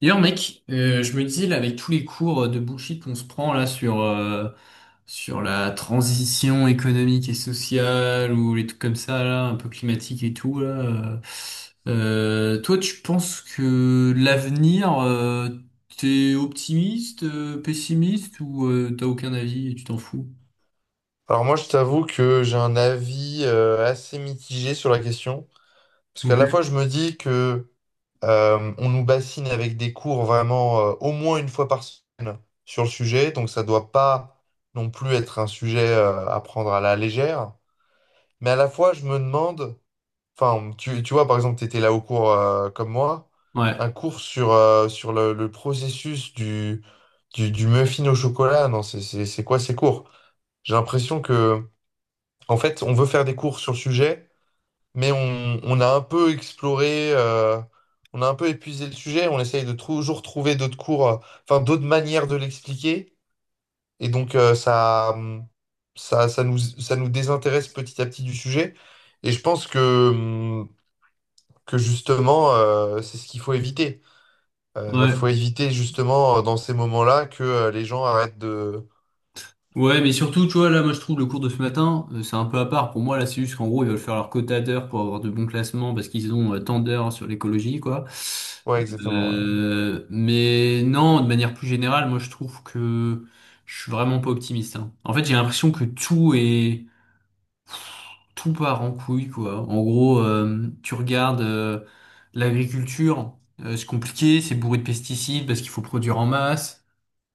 D'ailleurs, mec, je me disais là avec tous les cours de bullshit qu'on se prend là sur la transition économique et sociale ou les trucs comme ça là, un peu climatique et tout là. Toi, tu penses que l'avenir, t'es optimiste, pessimiste ou t'as aucun avis et tu t'en fous? Alors moi, je t'avoue que j'ai un avis assez mitigé sur la question, parce qu'à la Ok. fois, je me dis que on nous bassine avec des cours vraiment au moins une fois par semaine sur le sujet, donc ça doit pas non plus être un sujet à prendre à la légère. Mais à la fois, je me demande, enfin, tu vois, par exemple, tu étais là au cours comme moi, un Ouais, cours sur, sur le processus du muffin au chocolat. Non, c'est quoi ces cours? J'ai l'impression que... En fait, on veut faire des cours sur le sujet, mais on a un peu exploré, on a un peu épuisé le sujet, on essaye de toujours trouver d'autres cours, enfin d'autres manières de l'expliquer, et donc ça, ça, ça nous désintéresse petit à petit du sujet, et je pense que justement, c'est ce qu'il faut éviter. Faut ouais. éviter justement dans ces moments-là que les gens arrêtent de... Ouais, mais surtout, tu vois, là, moi, je trouve le cours de ce matin, c'est un peu à part. Pour moi, là, c'est juste qu'en gros, ils veulent faire leur quota d'heures pour avoir de bons classements parce qu'ils ont tant d'heures sur l'écologie, quoi. Ouais, exactement. Ouais. Mais non, de manière plus générale, moi, je trouve que je suis vraiment pas optimiste, hein. En fait, j'ai l'impression que tout part en couille, quoi. En gros, tu regardes l'agriculture, c'est compliqué, c'est bourré de pesticides parce qu'il faut produire en masse.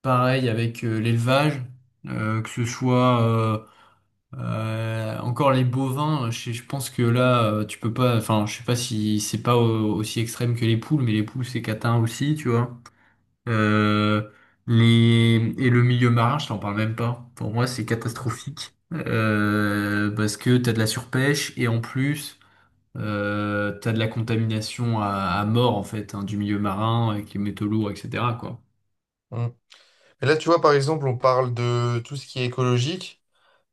Pareil avec l'élevage, que ce soit encore les bovins, euh, je pense que là tu peux pas, enfin je sais pas si c'est pas aussi extrême que les poules, mais les poules c'est catin aussi, tu vois. Euh, les et le milieu marin, je t'en parle même pas. Pour moi c'est Ouais. catastrophique parce que t'as de la surpêche et en plus t'as de la à mort en fait hein, du milieu marin avec les métaux lourds, etc. quoi. Hum. Mais là, tu vois, par exemple, on parle de tout ce qui est écologique.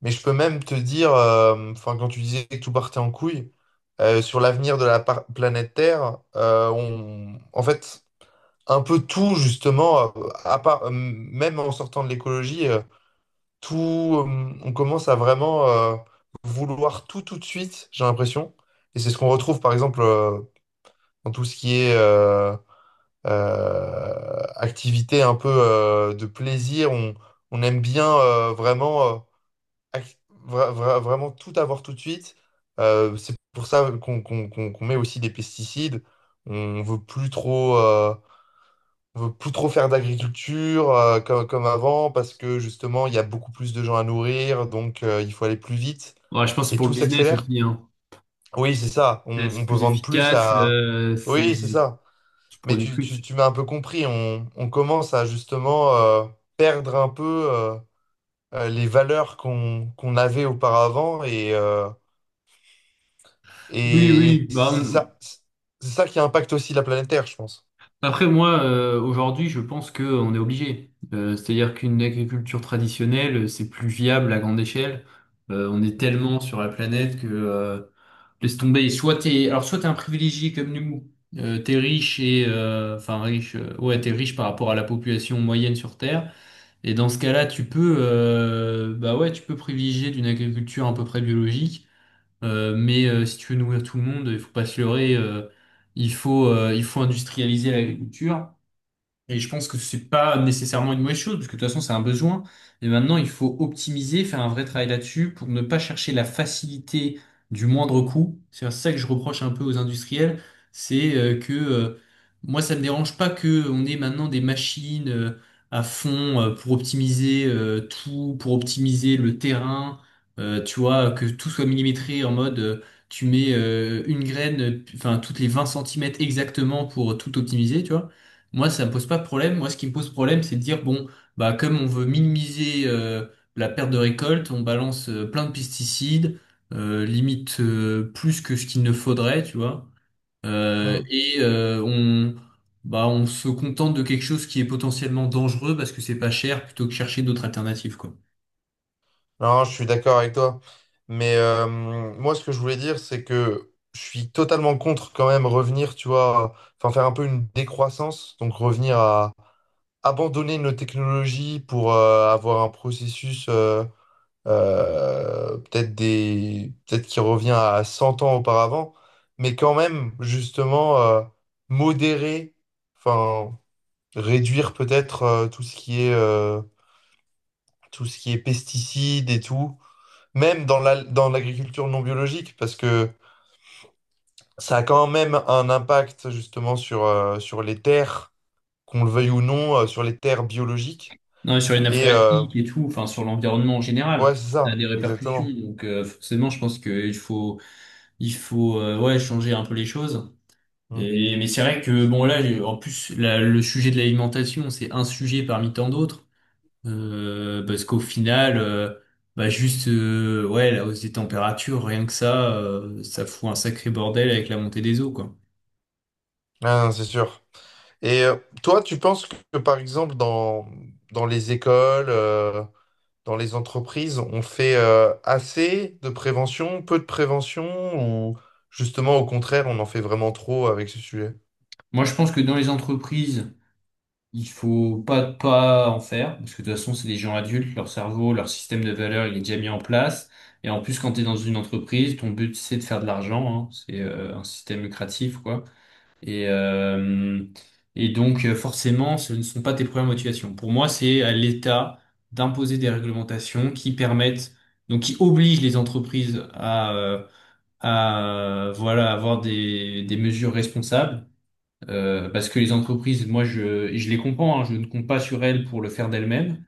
Mais je peux même te dire, enfin, quand tu disais que tout partait en couille, sur l'avenir de la planète Terre, en fait, un peu tout, justement, à part, même en sortant de l'écologie, tout, on commence à vraiment vouloir tout tout de suite, j'ai l'impression. Et c'est ce qu'on retrouve, par exemple, dans tout ce qui est activité un peu de plaisir. On aime bien vraiment. Ac- vraiment tout avoir tout de suite. C'est pour ça qu'on met aussi des pesticides. On veut plus trop, on veut plus trop faire d'agriculture comme avant parce que justement il y a beaucoup plus de gens à nourrir, donc il faut aller plus vite Ouais, je pense que c'est et pour le tout business s'accélère. aussi, hein. Oui, c'est ça. Là, c'est On peut plus vendre plus efficace, à. Oui, c'est ça. tu Mais produis plus. tu m'as un peu compris. On commence à justement perdre un peu les valeurs qu'on avait auparavant et, Oui, et oui. C'est ça qui impacte aussi la planète Terre, je pense. Après, moi, aujourd'hui, je pense qu'on est obligé. C'est-à-dire qu'une agriculture traditionnelle, c'est plus viable à grande échelle. On est tellement sur la planète que, laisse tomber. Soit t'es un privilégié comme nous. T'es riche et, ouais, t'es riche par rapport à la population moyenne sur Terre. Et dans ce cas-là, tu peux, bah ouais, tu peux privilégier d'une agriculture à peu près biologique. Si tu veux nourrir tout le monde, il faut pas se leurrer, il faut industrialiser l'agriculture. Et je pense que c'est pas nécessairement une mauvaise chose, parce que de toute façon, c'est un besoin. Et maintenant, il faut optimiser, faire un vrai travail là-dessus pour ne pas chercher la facilité du moindre coût. C'est ça que je reproche un peu aux industriels. C'est que Moi, ça me dérange pas que on ait maintenant des machines à fond pour optimiser tout, pour optimiser le terrain. Tu vois, que tout soit millimétré en mode tu mets une graine, enfin toutes les 20 centimètres exactement pour tout optimiser, tu vois. Moi, ça me pose pas de problème. Moi, ce qui me pose problème, c'est de dire, bon, bah, comme on veut minimiser la perte de récolte, on balance plein de pesticides, limite plus que ce qu'il ne faudrait, tu vois. Euh, Mm. et euh, on, Bah, on se contente de quelque chose qui est potentiellement dangereux parce que c'est pas cher, plutôt que chercher d'autres alternatives, quoi. Non, je suis d'accord avec toi. Mais moi, ce que je voulais dire, c'est que je suis totalement contre quand même revenir, tu vois, enfin faire un peu une décroissance, donc revenir à abandonner nos technologies pour avoir un processus peut-être peut-être qui revient à 100 ans auparavant, mais quand même, justement, modérer. Enfin, réduire peut-être tout ce qui est tout ce qui est pesticides et tout, même dans dans l'agriculture non biologique, parce que ça a quand même un impact justement sur, sur les terres, qu'on le veuille ou non, sur les terres biologiques. Non, et sur les nappes Et phréatiques et tout, enfin sur l'environnement en ouais, général, c'est ça a des ça, répercussions. exactement. Donc forcément, je pense qu'il faut, ouais, changer un peu les choses. Mm. Mais c'est vrai que bon là j'ai- en plus la- le sujet de l'alimentation c'est un sujet parmi tant d'autres. Parce qu'au final Bah juste ouais la hausse des températures rien que ça ça fout un sacré bordel avec la montée des eaux quoi. Ah, non, c'est sûr. Et toi, tu penses que par exemple dans, dans les écoles, dans les entreprises, on fait assez de prévention, peu de prévention, ou justement au contraire, on en fait vraiment trop avec ce sujet? Moi je pense que dans les entreprises il faut pas en faire parce que de toute façon c'est des gens adultes, leur cerveau, leur système de valeurs il est déjà mis en place, et en plus quand tu es dans une entreprise ton but c'est de faire de l'argent hein. C'est un système lucratif quoi. Et, euh, Forcément, ce ne sont pas tes premières motivations. Pour moi, c'est à l'État d'imposer des réglementations qui permettent, donc qui obligent les entreprises à voilà, avoir des mesures responsables. Parce que les entreprises, et je les comprends, hein, je ne compte pas sur elles pour le faire d'elles-mêmes.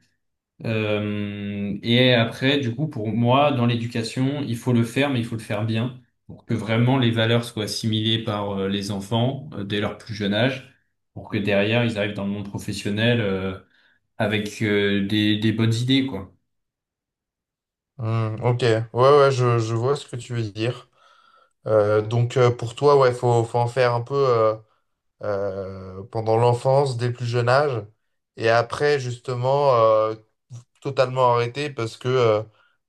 Et après, du coup, pour moi, dans l'éducation, il faut le faire, mais il faut le faire bien pour que vraiment les valeurs soient assimilées par les enfants dès leur plus jeune âge, pour que derrière, ils arrivent dans le monde professionnel avec des bonnes idées, quoi. Hmm, ok, ouais, ouais, je vois ce que tu veux dire. Donc pour toi, ouais, faut en faire un peu. Pendant l'enfance, dès le plus jeune âge, et après justement totalement arrêté parce que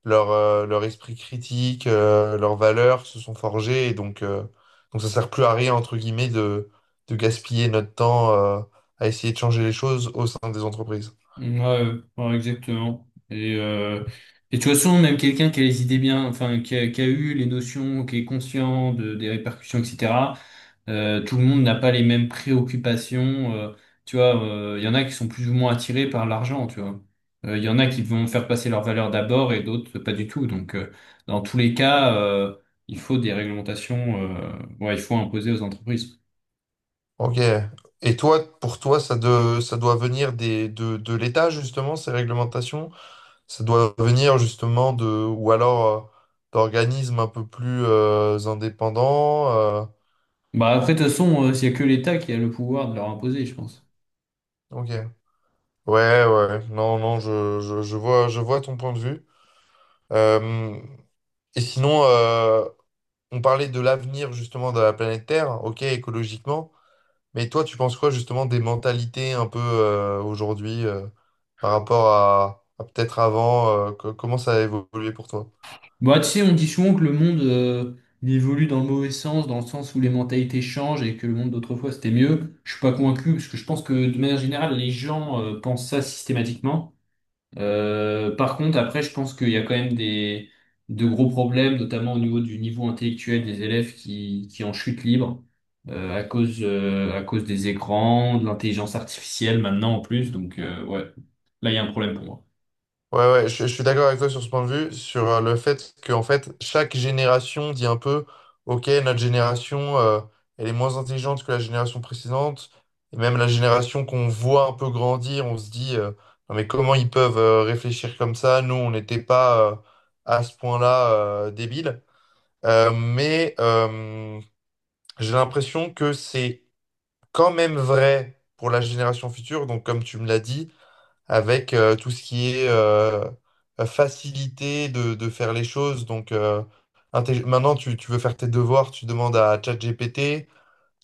leur, leur esprit critique, leurs valeurs se sont forgées, et donc ça sert plus à rien, entre guillemets, de gaspiller notre temps à essayer de changer les choses au sein des entreprises. Ouais, ouais, exactement. Et de toute façon, même quelqu'un qui a les idées bien, enfin, qui a eu les notions, qui est conscient des répercussions, etc. Tout le monde n'a pas les mêmes préoccupations. Tu vois, il y en a qui sont plus ou moins attirés par l'argent, tu vois. Il y en a qui vont faire passer leurs valeurs d'abord et d'autres pas du tout. Donc, dans tous les cas, il faut des réglementations, ouais, il faut imposer aux entreprises. Ok. Et toi, pour toi, ça doit venir de l'État, justement, ces réglementations? Ça doit venir justement de, ou alors d'organismes un peu plus indépendants. Euh, Bah, après, de toute façon, il y a que l'État qui a le pouvoir de leur imposer, je pense. ok. Ouais, ouais. Non, non, je vois ton point de vue. Euh, et sinon, on parlait de l'avenir justement de la planète Terre, ok, écologiquement. Mais toi, tu penses quoi justement des mentalités un peu aujourd'hui par rapport à peut-être avant, comment ça a évolué pour toi? Bah, tu sais, on dit souvent que le monde il évolue dans le mauvais sens, dans le sens où les mentalités changent et que le monde d'autrefois c'était mieux. Je suis pas convaincu parce que je pense que de manière générale, les gens pensent ça systématiquement. Par contre, après, je pense qu'il y a quand même des de gros problèmes, notamment au niveau du niveau intellectuel des élèves qui en chute libre à cause des écrans, de l'intelligence artificielle maintenant en plus. Donc ouais, là il y a un problème pour moi. Ouais, ouais, je suis d'accord avec toi sur ce point de vue, sur le fait que en fait, chaque génération dit un peu, OK, notre génération, elle est moins intelligente que la génération précédente, et même la génération qu'on voit un peu grandir, on se dit, non mais comment ils peuvent réfléchir comme ça? Nous, on n'était pas à ce point-là débiles. Mais j'ai l'impression que c'est quand même vrai pour la génération future, donc comme tu me l'as dit avec tout ce qui est facilité de faire les choses. Donc maintenant, tu veux faire tes devoirs, tu demandes à ChatGPT,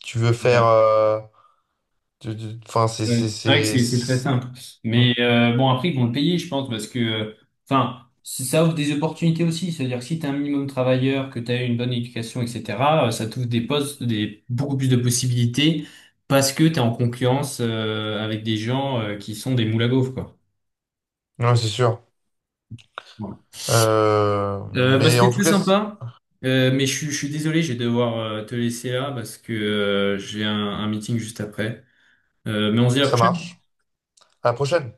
tu veux faire... Enfin, Ouais, c'est vrai que c'est c'est- très simple. Hmm. Mais bon, après, ils vont le payer, je pense, parce que enfin, ça offre des opportunités aussi. C'est-à-dire que si tu es un minimum travailleur, que tu as eu une bonne éducation, etc., ça t'ouvre beaucoup plus de possibilités parce que tu es en concurrence avec des gens qui sont des moules à gaufres, quoi. Ouais, c'est sûr. Voilà. Bah, Mais c'était en tout très cas, c- sympa. Je suis désolé, je vais devoir te laisser là parce que j'ai un meeting juste après. Mais on se dit à la ça prochaine. marche. À la prochaine.